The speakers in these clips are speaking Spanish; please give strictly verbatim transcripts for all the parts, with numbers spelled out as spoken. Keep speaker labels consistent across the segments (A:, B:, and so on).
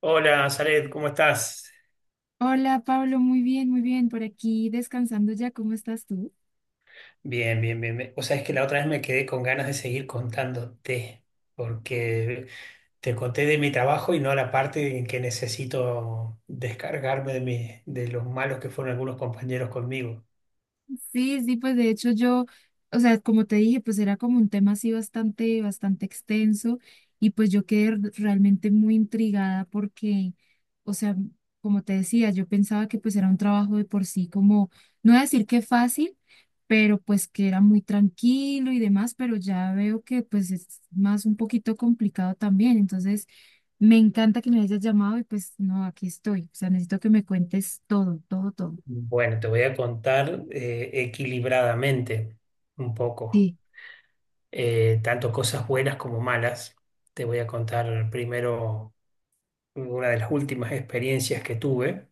A: Hola, Zaret, ¿cómo estás?
B: Hola Pablo, muy bien, muy bien. Por aquí descansando ya, ¿cómo estás tú?
A: Bien, bien, bien. bien. O sea, es que la otra vez me quedé con ganas de seguir contándote, porque te conté de mi trabajo y no la parte en que necesito descargarme de mi, de los malos que fueron algunos compañeros conmigo.
B: Sí, sí, pues de hecho yo, o sea, como te dije, pues era como un tema así bastante, bastante extenso y pues yo quedé r- realmente muy intrigada porque, o sea, como te decía, yo pensaba que pues era un trabajo de por sí como, no voy a decir que fácil, pero pues que era muy tranquilo y demás, pero ya veo que pues es más un poquito complicado también. Entonces me encanta que me hayas llamado y pues no, aquí estoy, o sea, necesito que me cuentes todo, todo, todo.
A: Bueno, te voy a contar eh, equilibradamente un poco,
B: Sí,
A: eh, tanto cosas buenas como malas. Te voy a contar primero una de las últimas experiencias que tuve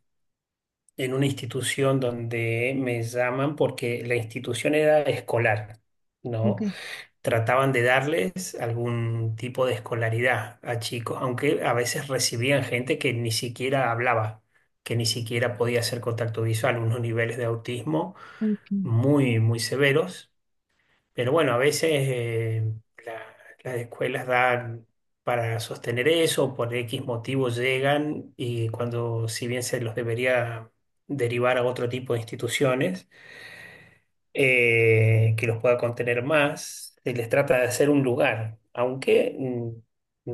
A: en una institución donde me llaman porque la institución era escolar,
B: ok.
A: ¿no? Trataban de darles algún tipo de escolaridad a chicos, aunque a veces recibían gente que ni siquiera hablaba, que ni siquiera podía hacer contacto visual, unos niveles de autismo
B: Ok.
A: muy, muy severos. Pero bueno, a veces eh, la- las escuelas dan para sostener eso, por X motivos llegan y cuando, si bien se los debería derivar a otro tipo de instituciones eh, que los pueda contener más, se les trata de hacer un lugar, aunque mm,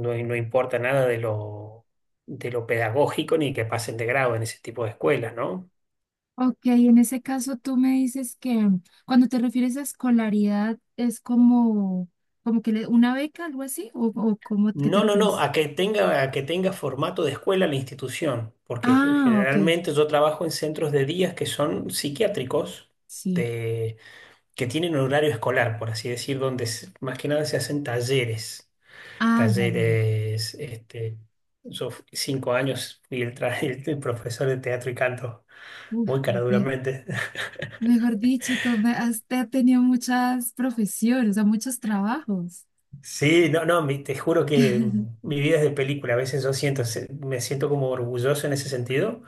A: no, no importa nada de lo, de lo pedagógico ni que pasen de grado en ese tipo de escuelas, ¿no?
B: Ok, en ese caso tú me dices que cuando te refieres a escolaridad es como, como que le- una beca, algo así, o, o cómo, ¿qué te
A: No, no, no,
B: refieres?
A: a que tenga, a que tenga formato de escuela la institución, porque ge-
B: Ah, ok,
A: generalmente yo trabajo en centros de días que son psiquiátricos,
B: sí.
A: de, que tienen horario escolar, por así decir, donde se- más que nada se hacen talleres.
B: Ah, ya, ya, ya.
A: Talleres, este, yo f- cinco años fui el, tra- el profesor de teatro y canto,
B: Uf,
A: muy
B: ok.
A: caraduramente.
B: Mejor dicho, tú me- has, te- has tenido muchas profesiones, o sea, muchos trabajos.
A: Sí, no, no, mi- te juro que mi vida es de película. A veces yo siento, se- me siento como orgulloso en ese sentido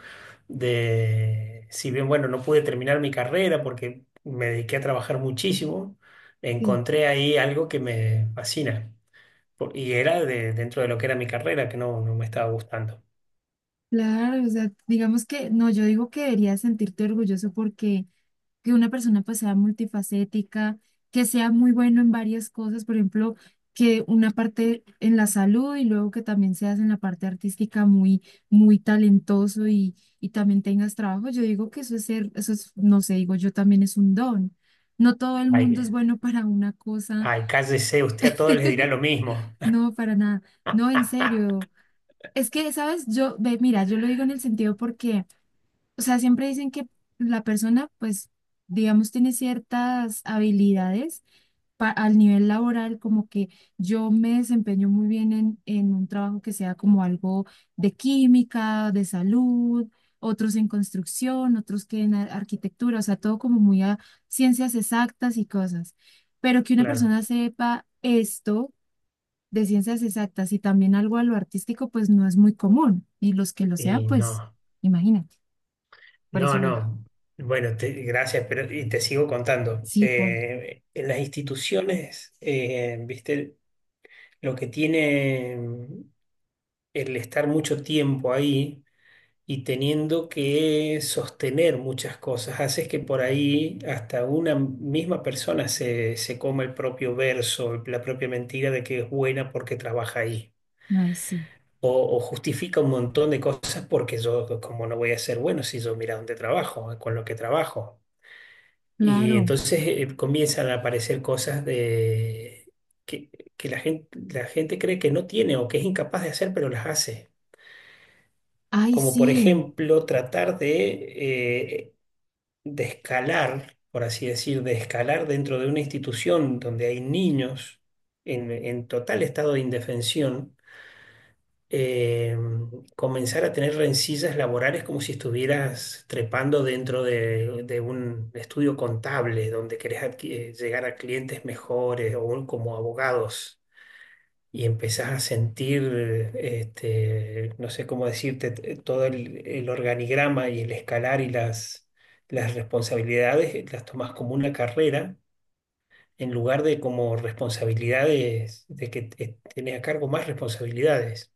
A: de, si bien, bueno, no pude terminar mi carrera porque me dediqué a trabajar muchísimo,
B: Sí,
A: encontré ahí algo que me fascina. Por- Y era de, dentro de lo que era mi carrera, que no, no me estaba gustando.
B: claro, o sea, digamos que, no, yo digo que deberías sentirte orgulloso porque que una persona pues sea multifacética, que sea muy bueno en varias cosas, por ejemplo, que una parte en la salud y luego que también seas en la parte artística muy, muy talentoso y, y también tengas trabajo. Yo digo que eso es ser, eso es, no sé, digo yo también es un don. No todo el mundo es
A: Ay,
B: bueno para una cosa.
A: ay, cállese, usted a todos les dirá lo mismo.
B: No, para nada, no, en serio. Es que, ¿sabes? Yo, ve, mira, yo lo digo en el sentido porque, o sea, siempre dicen que la persona, pues, digamos, tiene ciertas habilidades pa- al nivel laboral, como que yo me desempeño muy bien en, en un trabajo que sea como algo de química, de salud, otros en construcción, otros que en ar- arquitectura, o sea, todo como muy a ciencias exactas y cosas. Pero que una
A: Claro.
B: persona sepa esto de ciencias exactas y también algo a lo artístico, pues no es muy común. Y los que lo sean,
A: Y
B: pues,
A: no.
B: imagínate, por eso
A: No,
B: lo digo.
A: no. Bueno, te- gracias, pero y te sigo contando.
B: Sí, por,
A: Eh, en las instituciones, eh, viste, lo que tiene mm, el estar mucho tiempo ahí y teniendo que sostener muchas cosas, haces que por ahí hasta una misma persona se, se coma el propio verso, la propia mentira de que es buena porque trabaja ahí.
B: ay, sí,
A: O, o justifica un montón de cosas porque yo, como no voy a ser bueno si yo mira dónde trabajo, con lo que trabajo. Y
B: claro,
A: entonces eh, comienzan a aparecer cosas de, que, que la gente, la gente cree que no tiene o que es incapaz de hacer, pero las hace.
B: ay,
A: Como por
B: sí. O
A: ejemplo tratar de, eh, de escalar, por así decir, de escalar dentro de una institución donde hay niños en, en total estado de indefensión eh, comenzar a tener rencillas laborales como si estuvieras trepando dentro de, de un estudio contable donde querés adqui- eh, llegar a clientes mejores o un- como abogados y empezás a sentir, este, no sé cómo decirte, t- todo el, el organigrama y el escalar y las, las responsabilidades eh, las tomás como una carrera. En lugar de como responsabilidades, de que eh, tenés a cargo más responsabilidades.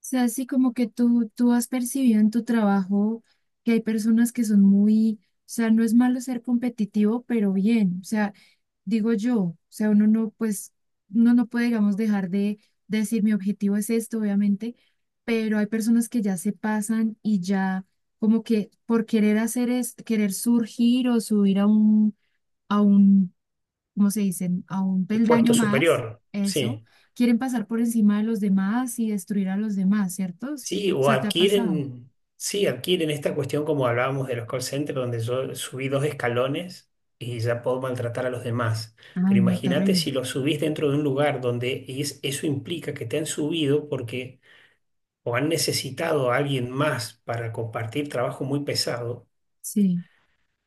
B: sea, así como que tú, tú has percibido en tu trabajo que hay personas que son muy, o sea, no es malo ser competitivo, pero bien, o sea, digo yo, o sea, uno no, pues, uno no puede, digamos, dejar de, de decir mi objetivo es esto, obviamente, pero hay personas que ya se pasan y ya como que por querer hacer es, querer surgir o subir a un, a un, como se dicen, a un
A: Puesto
B: peldaño más,
A: superior,
B: eso,
A: sí.
B: quieren pasar por encima de los demás y destruir a los demás, ¿cierto? O
A: Sí, o
B: sea, ¿te ha pasado?
A: adquieren, sí, adquieren esta cuestión como hablábamos de los call centers, donde yo subí dos escalones y ya puedo maltratar a los demás.
B: Ay,
A: Pero
B: no,
A: imagínate
B: terrible.
A: si lo subís dentro de un lugar donde es- eso implica que te han subido porque o han necesitado a alguien más para compartir trabajo muy pesado,
B: Sí,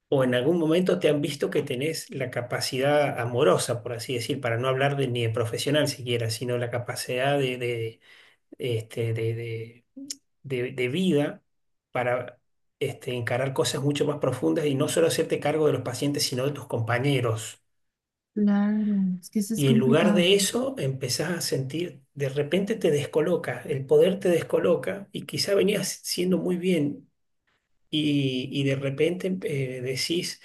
A: o en algún momento te han visto que tenés la capacidad amorosa, por así decir, para no hablar de, ni de profesional siquiera, sino la capacidad de de- este, de, de de, de vida para este, encarar cosas mucho más profundas y no solo hacerte cargo de los pacientes, sino de tus compañeros.
B: claro, es que eso es
A: Y en lugar
B: complicado.
A: de eso, empezás a sentir, de repente te descoloca, el poder te descoloca y quizá venías siendo muy bien y, y de repente eh, decís,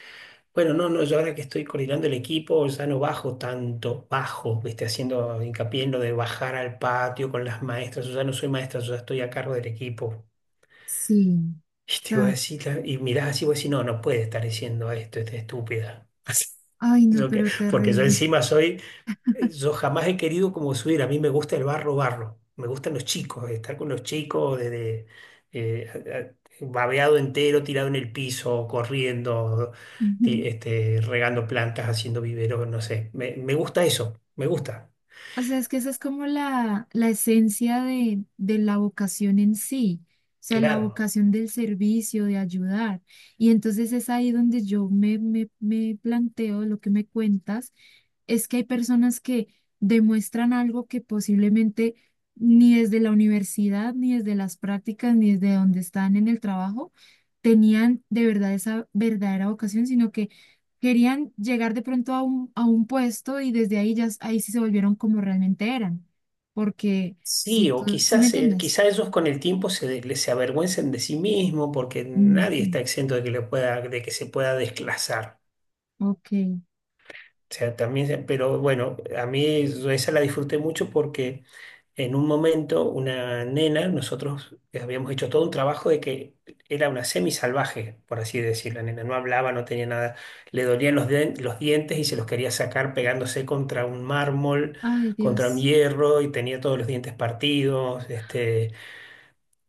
A: bueno, no, no, yo ahora que estoy coordinando el equipo ya no bajo tanto, bajo, viste, haciendo hincapié en lo de bajar al patio con las maestras, yo ya no soy maestra, yo ya estoy a cargo del equipo.
B: Sí,
A: Y te iba a
B: ya.
A: decir, la- y mirás así, vos decís, no, no puede estar diciendo esto, esta estúpida. Así,
B: Ay, no,
A: yo que-
B: pero
A: porque yo
B: terrible.
A: encima soy, eh, yo jamás he querido como subir, a mí me gusta el barro, barro, me gustan los chicos, estar con los chicos desde eh, a- a- babeado entero, tirado en el piso, corriendo,
B: Ujú.
A: ti- este, regando plantas, haciendo viveros, no sé, me, me gusta eso, me gusta,
B: O sea, es que esa es como la, la esencia de, de la vocación en sí. O sea, la
A: claro.
B: vocación del servicio, de ayudar. Y entonces es ahí donde yo me, me, me planteo lo que me cuentas, es que hay personas que demuestran algo que posiblemente ni desde la universidad, ni desde las prácticas, ni desde donde están en el trabajo, tenían de verdad esa verdadera vocación, sino que querían llegar de pronto a un, a un puesto y desde ahí ya, ahí sí se volvieron como realmente eran. Porque si
A: Sí, o
B: tú, ¿si me
A: quizás, eh,
B: entiendes?
A: quizás ellos con el tiempo se, de- se avergüencen de sí mismos porque nadie
B: Ujú.
A: está exento de que, le pueda, de que se pueda desclasar.
B: Ok.
A: O sea, también, se- pero bueno, a mí yo esa la disfruté mucho porque en un momento una nena, nosotros habíamos hecho todo un trabajo de que era una semisalvaje, por así decirlo. La nena no hablaba, no tenía nada, le dolían los, dien- los dientes y se los quería sacar pegándose contra un mármol,
B: Ay,
A: contra un
B: Dios.
A: hierro y tenía todos los dientes partidos. Este,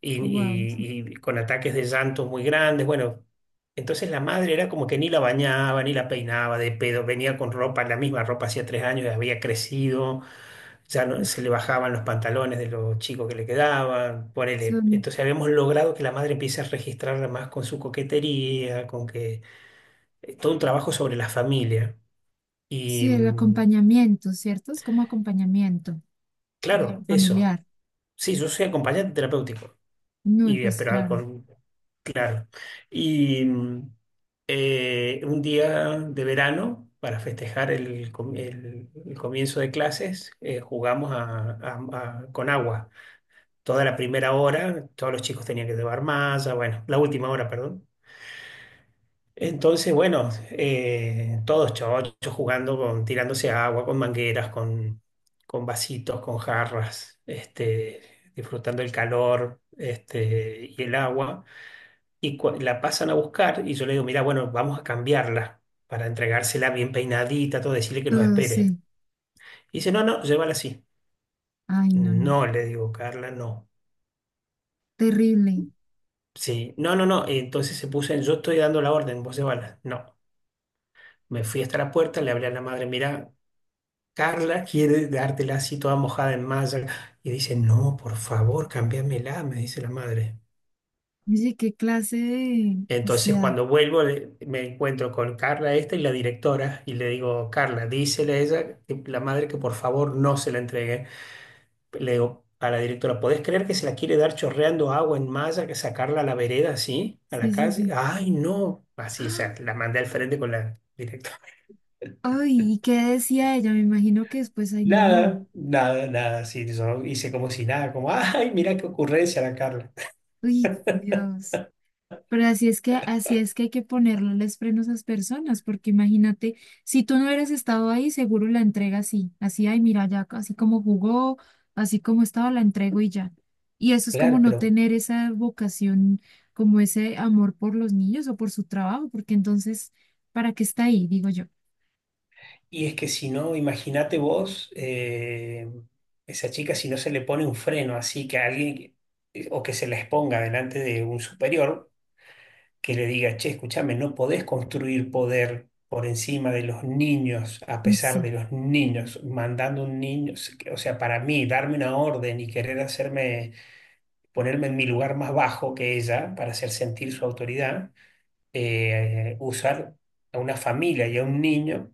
A: y,
B: Wow.
A: y- y con ataques de llanto muy grandes. Bueno, entonces la madre era como que ni la bañaba, ni la peinaba de pedo, venía con ropa, la misma ropa hacía tres años, y había crecido, ya no- se le bajaban los pantalones de los chicos que le quedaban, ponele.
B: Son,
A: Entonces habíamos logrado que la madre empiece a registrarla más con su coquetería, con que eh, todo un trabajo sobre la familia. Y
B: sí, el
A: mm,
B: acompañamiento, ¿cierto? Es como acompañamiento. De
A: claro, eso.
B: familiar.
A: Sí, yo soy acompañante terapéutico.
B: No, y
A: Y,
B: pues
A: pero
B: claro,
A: con, claro. Y mm, eh, un día de verano, para festejar el, com- el- el comienzo de clases, eh, jugamos a- a- a- con agua. Toda la primera hora, todos los chicos tenían que llevar malla, bueno, la última hora, perdón. Entonces, bueno, eh, todos chochos jugando, con, tirándose agua, con mangueras, con, con vasitos, con jarras, este, disfrutando el calor, este, y el agua. Y cua- la pasan a buscar y yo le digo, mira, bueno, vamos a cambiarla para entregársela bien peinadita, todo, decirle que nos
B: todo
A: espere.
B: sí.
A: Y dice, no, no, llévala así.
B: Ay, no, no.
A: No, le digo, Carla, no.
B: Terrible.
A: Sí, no, no, no. Entonces se puso en, yo estoy dando la orden, vos llévala. No. Me fui hasta la puerta, le hablé a la madre, mira, Carla quiere dártela así toda mojada en malla. Y dice, no, por favor, cámbiamela, me dice la madre.
B: Oye, qué clase de... O
A: Entonces,
B: sea,
A: cuando vuelvo, le- me encuentro con Carla esta y la directora, y le digo, Carla, dísele a ella, que- la madre, que por favor no se la entregue. Le digo a la directora, ¿podés creer que se la quiere dar chorreando agua en malla, que sacarla a la vereda así, a la
B: sí, sí,
A: calle?
B: sí.
A: Ay, no. Así, o sea,
B: ¡Ah!
A: la mandé al frente con la directora.
B: Ay, ¿y qué decía ella? Me imagino que después, ay, no, no.
A: Nada, nada, nada, sí, yo hice como si nada, como, ay, mira qué ocurrencia la Carla.
B: Uy, Dios. Pero así es que, así es que hay que ponerles frenos a esas personas, porque imagínate, si tú no hubieras estado ahí, seguro la entrega así, así, ay, mira, ya, así como jugó, así como estaba, la entrego y ya. Y eso es como
A: Claro,
B: no
A: pero
B: tener esa vocación, como ese amor por los niños o por su trabajo, porque entonces, ¿para qué está ahí? Digo yo.
A: y es que si no, imagínate vos, eh, esa chica, si no se le pone un freno así que alguien, eh, o que se la exponga delante de un superior, que le diga, che, escúchame, no podés construir poder por encima de los niños, a pesar de
B: Sí.
A: los niños, mandando un niño, o sea, para mí, darme una orden y querer hacerme, ponerme en mi lugar más bajo que ella para hacer sentir su autoridad eh, usar a una familia y a un niño,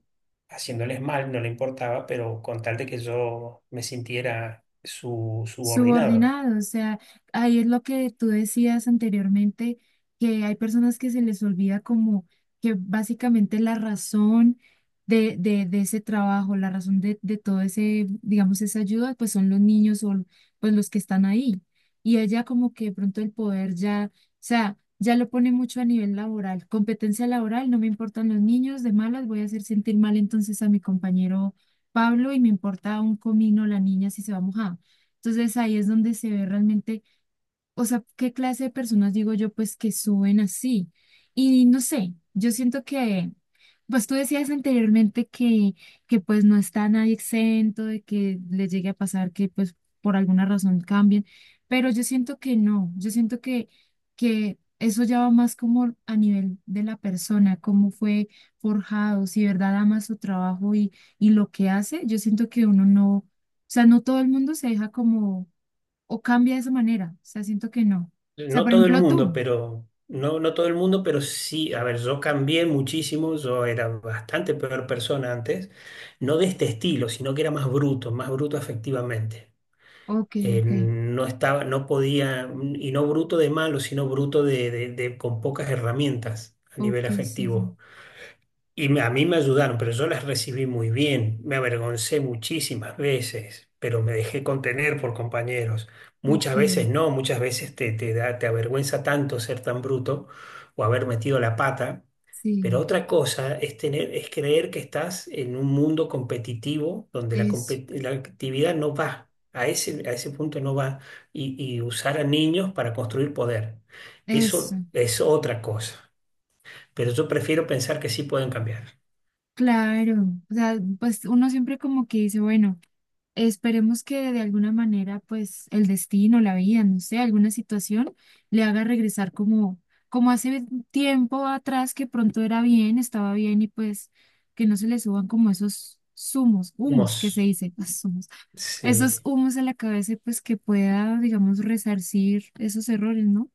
A: haciéndoles mal, no le importaba, pero con tal de que yo me sintiera su subordinado.
B: Subordinado, o sea, ahí es lo que tú decías anteriormente, que hay personas que se les olvida como que básicamente la razón de, de, de ese trabajo, la razón de, de todo ese, digamos, esa ayuda, pues son los niños o pues los que están ahí. Y ella como que de pronto el poder ya, o sea, ya lo pone mucho a nivel laboral, competencia laboral, no me importan los niños, de malas voy a hacer sentir mal entonces a mi compañero Pablo y me importa un comino la niña si se va a mojar. Entonces ahí es donde se ve realmente, o sea, qué clase de personas digo yo, pues que suben así. Y no sé, yo siento que, pues tú decías anteriormente que, que pues no está nadie exento de que le llegue a pasar que pues por alguna razón cambien, pero yo siento que no, yo siento que, que eso ya va más como a nivel de la persona, cómo fue forjado, si de verdad ama su trabajo y, y lo que hace, yo siento que uno no, o sea, no todo el mundo se deja como o cambia de esa manera. O sea, siento que no. O sea,
A: No
B: por
A: todo el
B: ejemplo,
A: mundo,
B: tú.
A: pero no, no todo el mundo, pero sí, a ver, yo cambié muchísimo, yo era bastante peor persona antes, no de este estilo, sino que era más bruto, más bruto afectivamente.
B: Ok,
A: Eh,
B: ok,
A: no estaba, no podía, y no bruto de malo, sino bruto de, de- de- con pocas herramientas a
B: ok,
A: nivel
B: sí,
A: afectivo.
B: sí,
A: Y me- a mí me ayudaron, pero yo las recibí muy bien. Me avergoncé muchísimas veces, pero me dejé contener por compañeros.
B: ok,
A: Muchas veces no, muchas veces te, te da, te avergüenza tanto ser tan bruto o haber metido la pata. Pero
B: sí,
A: otra cosa es tener, es creer que estás en un mundo competitivo donde la,
B: eso,
A: compet- la actividad no va, a ese, a ese punto no va, y, y usar a niños para construir poder.
B: eso,
A: Eso es otra cosa. Pero yo prefiero pensar que sí pueden cambiar.
B: claro. O sea, pues uno siempre como que dice, bueno. Esperemos que de alguna manera, pues, el destino, la vida, no sé, alguna situación le haga regresar como, como hace tiempo atrás que pronto era bien, estaba bien y pues que no se le suban como esos zumos, humos que se
A: Humos.
B: dice, los humos,
A: Sí,
B: esos humos a la cabeza, y pues que pueda, digamos, resarcir esos errores, ¿no?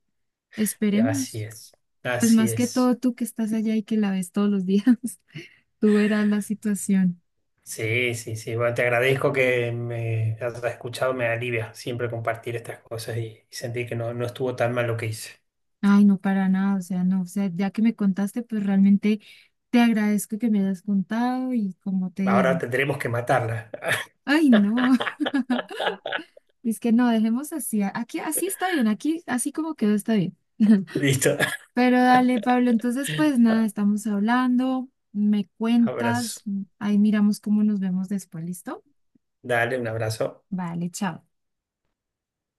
A: así
B: Esperemos.
A: es.
B: Pues
A: Así
B: más que
A: es.
B: todo tú que estás allá y que la ves todos los días, tú verás la situación.
A: Sí, sí, sí. Bueno, te agradezco que me hayas escuchado, me alivia siempre compartir estas cosas y, y sentir que no, no estuvo tan mal lo que hice.
B: Ay, no, para nada, o sea, no, o sea, ya que me contaste, pues realmente te agradezco que me hayas contado y como te
A: Ahora
B: digo,
A: tendremos que matarla.
B: ay, no, es que no, dejemos así, a- aquí así está bien, aquí así como quedó está bien.
A: Listo.
B: Pero dale, Pablo, entonces pues nada, estamos hablando, me
A: Abrazo.
B: cuentas, ahí miramos cómo nos vemos después, ¿listo?
A: Dale, un abrazo.
B: Vale, chao.